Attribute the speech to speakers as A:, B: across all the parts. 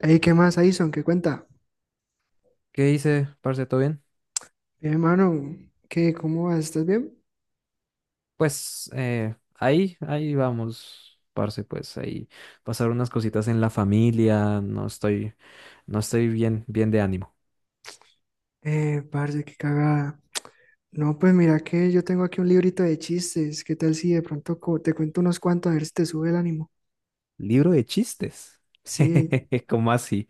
A: Ey, ¿qué más, Aison? ¿Qué cuenta?
B: ¿Qué dice, parce? ¿Todo bien?
A: Bien, hermano, ¿qué? ¿Cómo vas? ¿Estás bien?
B: Pues ahí vamos, parce, pues ahí pasar unas cositas en la familia, no estoy bien, bien de ánimo.
A: Parce, qué cagada. No, pues mira que yo tengo aquí un librito de chistes. ¿Qué tal si de pronto te cuento unos cuantos a ver si te sube el ánimo?
B: Libro de chistes.
A: Sí,
B: ¿Cómo así?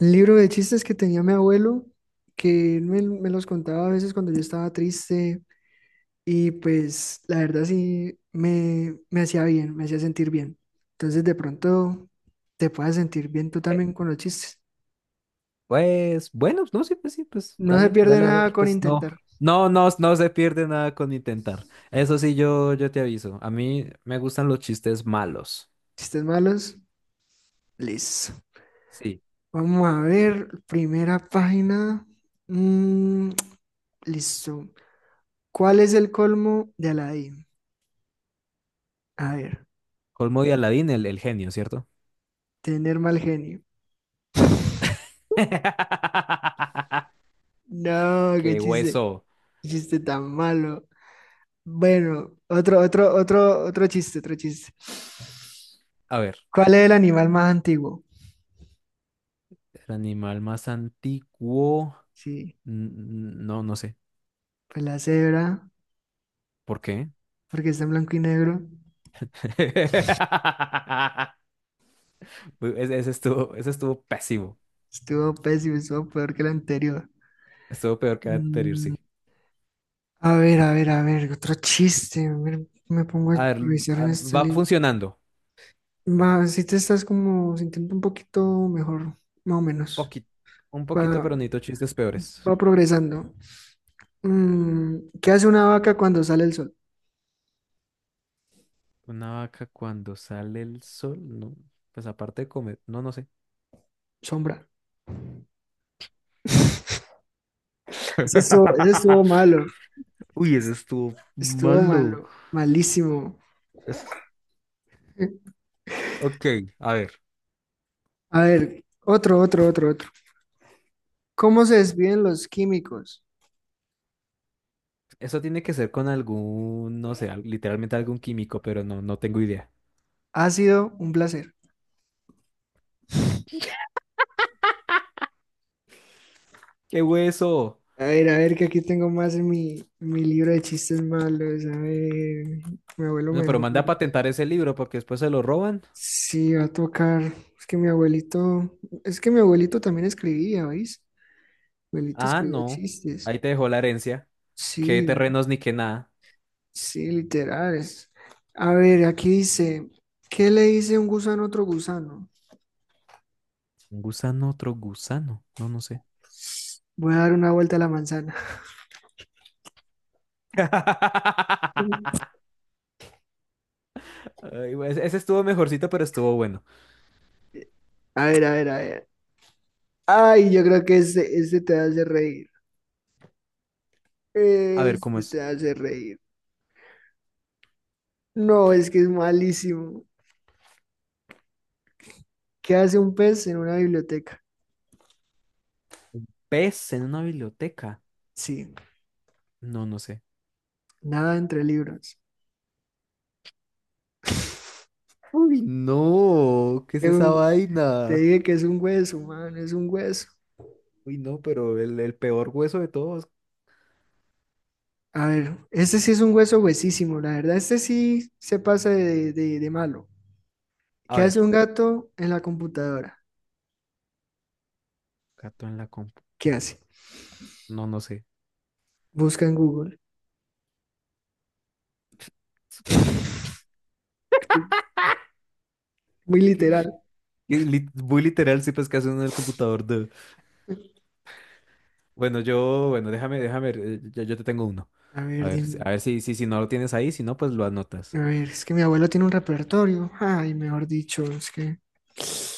A: un libro de chistes que tenía mi abuelo, que él me los contaba a veces cuando yo estaba triste y pues la verdad sí me hacía bien, me hacía sentir bien. Entonces de pronto te puedas sentir bien tú
B: Eh,
A: también con los chistes.
B: Pues bueno, no sé, pues sí, pues
A: No se
B: dale,
A: pierde
B: dale a
A: nada
B: ver,
A: con
B: pues no,
A: intentar.
B: no, no, no se pierde nada con intentar. Eso sí, yo te aviso, a mí me gustan los chistes malos.
A: Chistes malos, listo.
B: Sí.
A: Vamos a ver, primera página. Mm, listo. ¿Cuál es el colmo de Aladdin? A ver,
B: Colmo de Aladín, el genio, ¿cierto?
A: tener mal genio. No,
B: ¡Qué hueso!
A: qué chiste tan malo. Bueno, otro chiste, otro chiste.
B: A ver,
A: ¿Cuál es el animal más antiguo?
B: el animal más antiguo.
A: Sí,
B: n- No, no sé.
A: pues la cebra,
B: ¿Por qué?
A: porque está en blanco y negro.
B: Uy, ese estuvo pésimo.
A: Estuvo pésimo, estuvo peor que el anterior.
B: Estuvo peor que el anterior,
A: Mm,
B: sí.
A: A ver, otro chiste. A ver, me pongo a
B: A ver,
A: improvisar en este
B: va
A: libro.
B: funcionando.
A: Va, si te estás como sintiendo un poquito mejor, más o menos.
B: Poquito, un poquito,
A: Va,
B: pero necesito chistes peores.
A: va progresando. ¿Qué hace una vaca cuando sale el sol?
B: Una vaca cuando sale el sol, no. Pues aparte de comer, no, no sé.
A: Sombra. Ese estuvo malo.
B: Uy, ese estuvo
A: Estuvo
B: malo.
A: malo. Malísimo.
B: Es- Ok, a ver.
A: A ver, otro. ¿Cómo se despiden los químicos?
B: Eso tiene que ser con algún, no sé, literalmente algún químico, pero no, no tengo idea.
A: Ha sido un placer.
B: ¡Qué hueso!
A: Que aquí tengo más en mi libro de chistes malos. A ver, mi abuelo
B: Bueno, pero
A: mejor.
B: manda a patentar ese libro porque después se lo roban.
A: Sí, va a tocar. Es que mi abuelito, es que mi abuelito también escribía, ¿veis? Mi abuelito
B: Ah,
A: escribía
B: no.
A: chistes.
B: Ahí te dejó la herencia. Qué
A: Sí,
B: terrenos ni qué nada.
A: sí, literales. A ver, aquí dice, ¿qué le dice un gusano a otro gusano?
B: Un gusano, otro gusano. No, no sé.
A: Voy a dar una vuelta a la manzana.
B: Ay, güey, ese estuvo mejorcito, pero estuvo bueno.
A: A ver. Ay, yo creo que este te hace reír.
B: A ver, ¿cómo
A: Este te
B: es?
A: hace reír. No, es que es malísimo. ¿Qué hace un pez en una biblioteca?
B: ¿Pez en una biblioteca?
A: Sí,
B: No, no sé.
A: nada entre libros.
B: Uy, no, ¿qué es
A: Es
B: esa
A: un- Te
B: vaina?
A: dije que es un hueso, man, es un hueso.
B: Uy, no, pero el peor hueso de todos.
A: A ver, este sí es un hueso huesísimo, la verdad, este sí se pasa de malo.
B: A
A: ¿Qué
B: ver.
A: hace un gato en la computadora?
B: Gato en la compu.
A: ¿Qué hace?
B: No, no sé.
A: Busca en Google. Muy
B: Que-
A: literal.
B: Muy literal, sí, pues que hace uno en el computador. Bueno, yo, bueno, yo te tengo uno.
A: A
B: A
A: ver,
B: ver,
A: dime.
B: a ver si, si no lo tienes ahí, si no, pues lo
A: A
B: anotas.
A: ver, es que mi abuelo tiene un repertorio. Ay, mejor dicho, es que...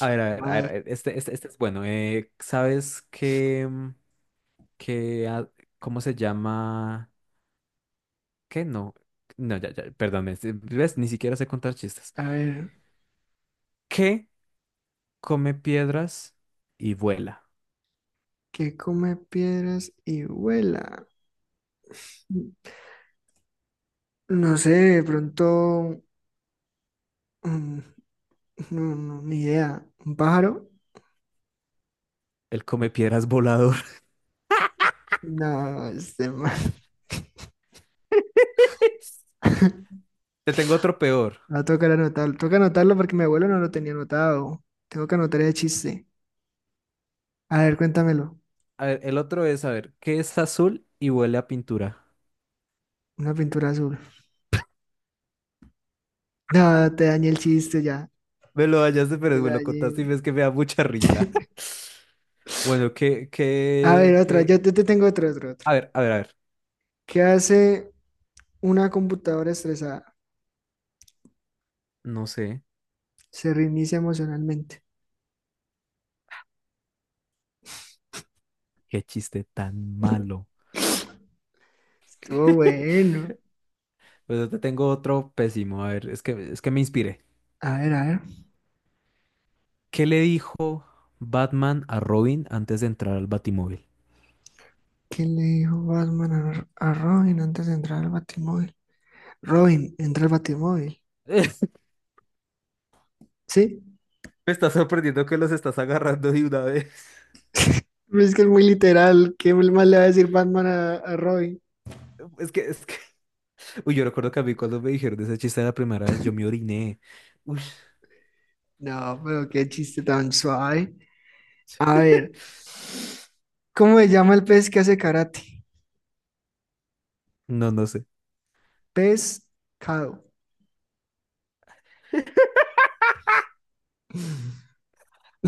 B: A ver, a ver, a ver,
A: Madre.
B: este es bueno. ¿Sabes qué, qué, a- cómo se llama? ¿Qué? No, no, ya, perdón, ves, ni siquiera sé contar chistes.
A: A ver,
B: ¿Qué come piedras y vuela?
A: ¿qué come piedras y vuela? No sé, de pronto Mm, no, no, ni idea. ¿Un pájaro?
B: El come piedras volador.
A: No, este man.
B: Te tengo otro peor.
A: Va a tocar anotarlo. Toca anotarlo porque mi abuelo no lo tenía anotado. Tengo que anotar el chiste. A ver, cuéntamelo.
B: A ver, el otro es, a ver, ¿qué es azul y huele a pintura?
A: Una pintura azul. No, te dañé el chiste ya.
B: Me lo hallaste, pero
A: Te la
B: me lo
A: dañé.
B: contaste y ves que me da mucha risa. Bueno,
A: A ver, otra.
B: ¿qué?
A: Te tengo otro.
B: A ver, a ver, a ver.
A: ¿Qué hace una computadora estresada?
B: No sé,
A: Se reinicia emocionalmente.
B: qué chiste tan malo.
A: Estuvo bueno.
B: Pues yo te tengo otro pésimo. A ver, es que me inspiré.
A: A ver.
B: ¿Qué le dijo Batman a Robin antes de entrar al Batimóvil?
A: ¿Qué le dijo Batman a Robin antes de entrar al Batimóvil? Robin, entra al Batimóvil. ¿Sí?
B: Me está sorprendiendo que los estás agarrando de una vez.
A: Pues es que es muy literal. ¿Qué más le va a decir Batman a Robin?
B: Es que, es que, uy, yo recuerdo que a mí cuando me dijeron ese chiste la primera vez, yo me oriné. Uy.
A: No, pero qué chiste tan suave. A ver, ¿cómo se llama el pez que hace karate?
B: No, no sé.
A: Pescado.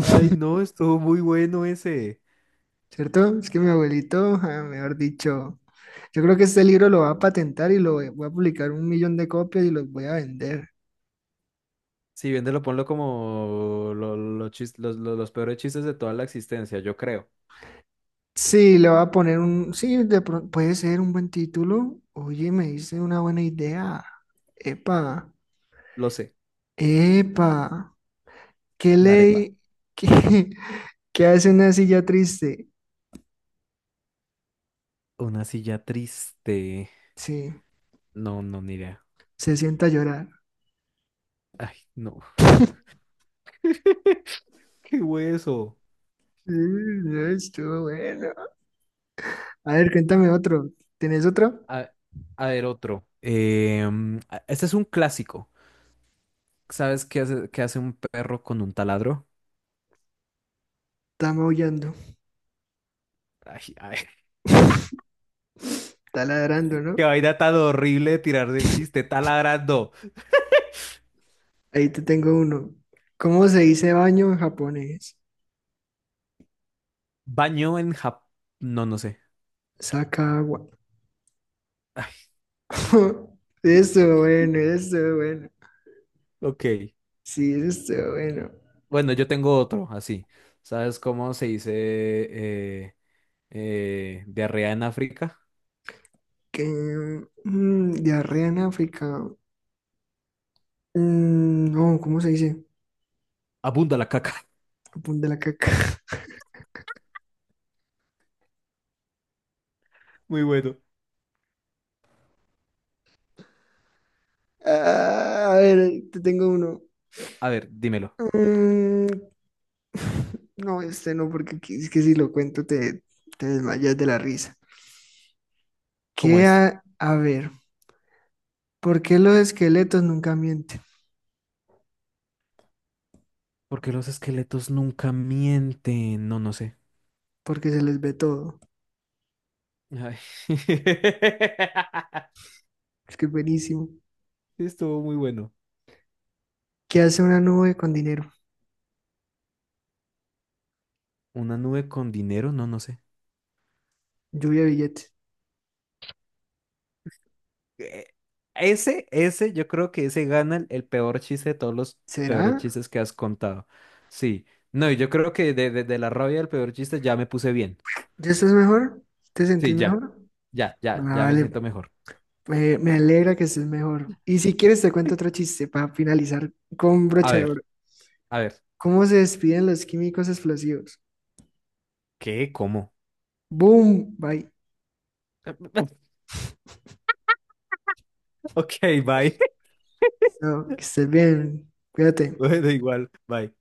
B: Ay, no, estuvo muy bueno ese.
A: ¿Cierto? Es que mi abuelito, ah, mejor dicho, yo creo que este libro lo va a patentar y lo voy a publicar 1 millón de copias y los voy a vender.
B: Si bien te lo ponlo como lo chis- los peores chistes de toda la existencia, yo creo.
A: Sí, le voy a poner un, sí, de pronto puede ser un buen título. Oye, me hice una buena idea. Epa,
B: Lo sé.
A: epa. ¿Qué
B: La arepa.
A: ley? ¿Qué, qué hace una silla triste?
B: Una silla triste.
A: Sí,
B: No, no, ni idea.
A: se sienta a llorar.
B: Ay, no. Qué hueso.
A: Mm, no, estuvo bueno. A ver, cuéntame otro. ¿Tenés otro?
B: A, a ver, otro. Este es un clásico. ¿Sabes qué hace un perro con un taladro?
A: Está maullando,
B: Ay, ay,
A: está ladrando, ¿no?
B: qué vaina tan horrible de tirar del chiste. Taladrando.
A: Ahí te tengo uno. ¿Cómo se dice baño en japonés?
B: Baño en Japón. No, no sé.
A: Saca agua. Estuvo bueno, estuvo bueno.
B: Ok.
A: Sí, eso estuvo bueno.
B: Bueno, yo tengo otro, así. ¿Sabes cómo se dice diarrea en África?
A: Que, diarrea en África. Mm, no, ¿cómo se dice?
B: Abunda la caca.
A: Japón de la caca.
B: Muy bueno.
A: Ah, a ver, te tengo uno.
B: A ver, dímelo.
A: Mm, no, este no, porque aquí es que si lo cuento te desmayas de la risa.
B: ¿Cómo
A: ¿Qué
B: es?
A: ver? ¿Por qué los esqueletos nunca mienten?
B: Porque los esqueletos nunca mienten. No, no sé.
A: Porque se les ve todo.
B: Ay.
A: Es que es buenísimo.
B: Sí, estuvo muy bueno.
A: ¿Qué hace una nube con dinero?
B: ¿Una nube con dinero? No, no sé.
A: Lluvia de billetes.
B: Eh, ese, yo creo que ese gana el peor chiste de todos los peores
A: ¿Será?
B: chistes que has contado. Sí. No, y yo creo que de la rabia del peor chiste ya me puse bien.
A: ¿Ya estás mejor? ¿Te sentís
B: Sí, ya.
A: mejor?
B: Ya me
A: Vale,
B: siento mejor.
A: me alegra que estés mejor. Y si quieres te cuento otro chiste para finalizar con
B: A
A: brocha de
B: ver,
A: oro.
B: a ver.
A: ¿Cómo se despiden los químicos explosivos?
B: ¿Qué? ¿Cómo?
A: Boom, bye.
B: Ok, bye.
A: Chao, que estés bien. Cuídate.
B: Bueno, igual, bye.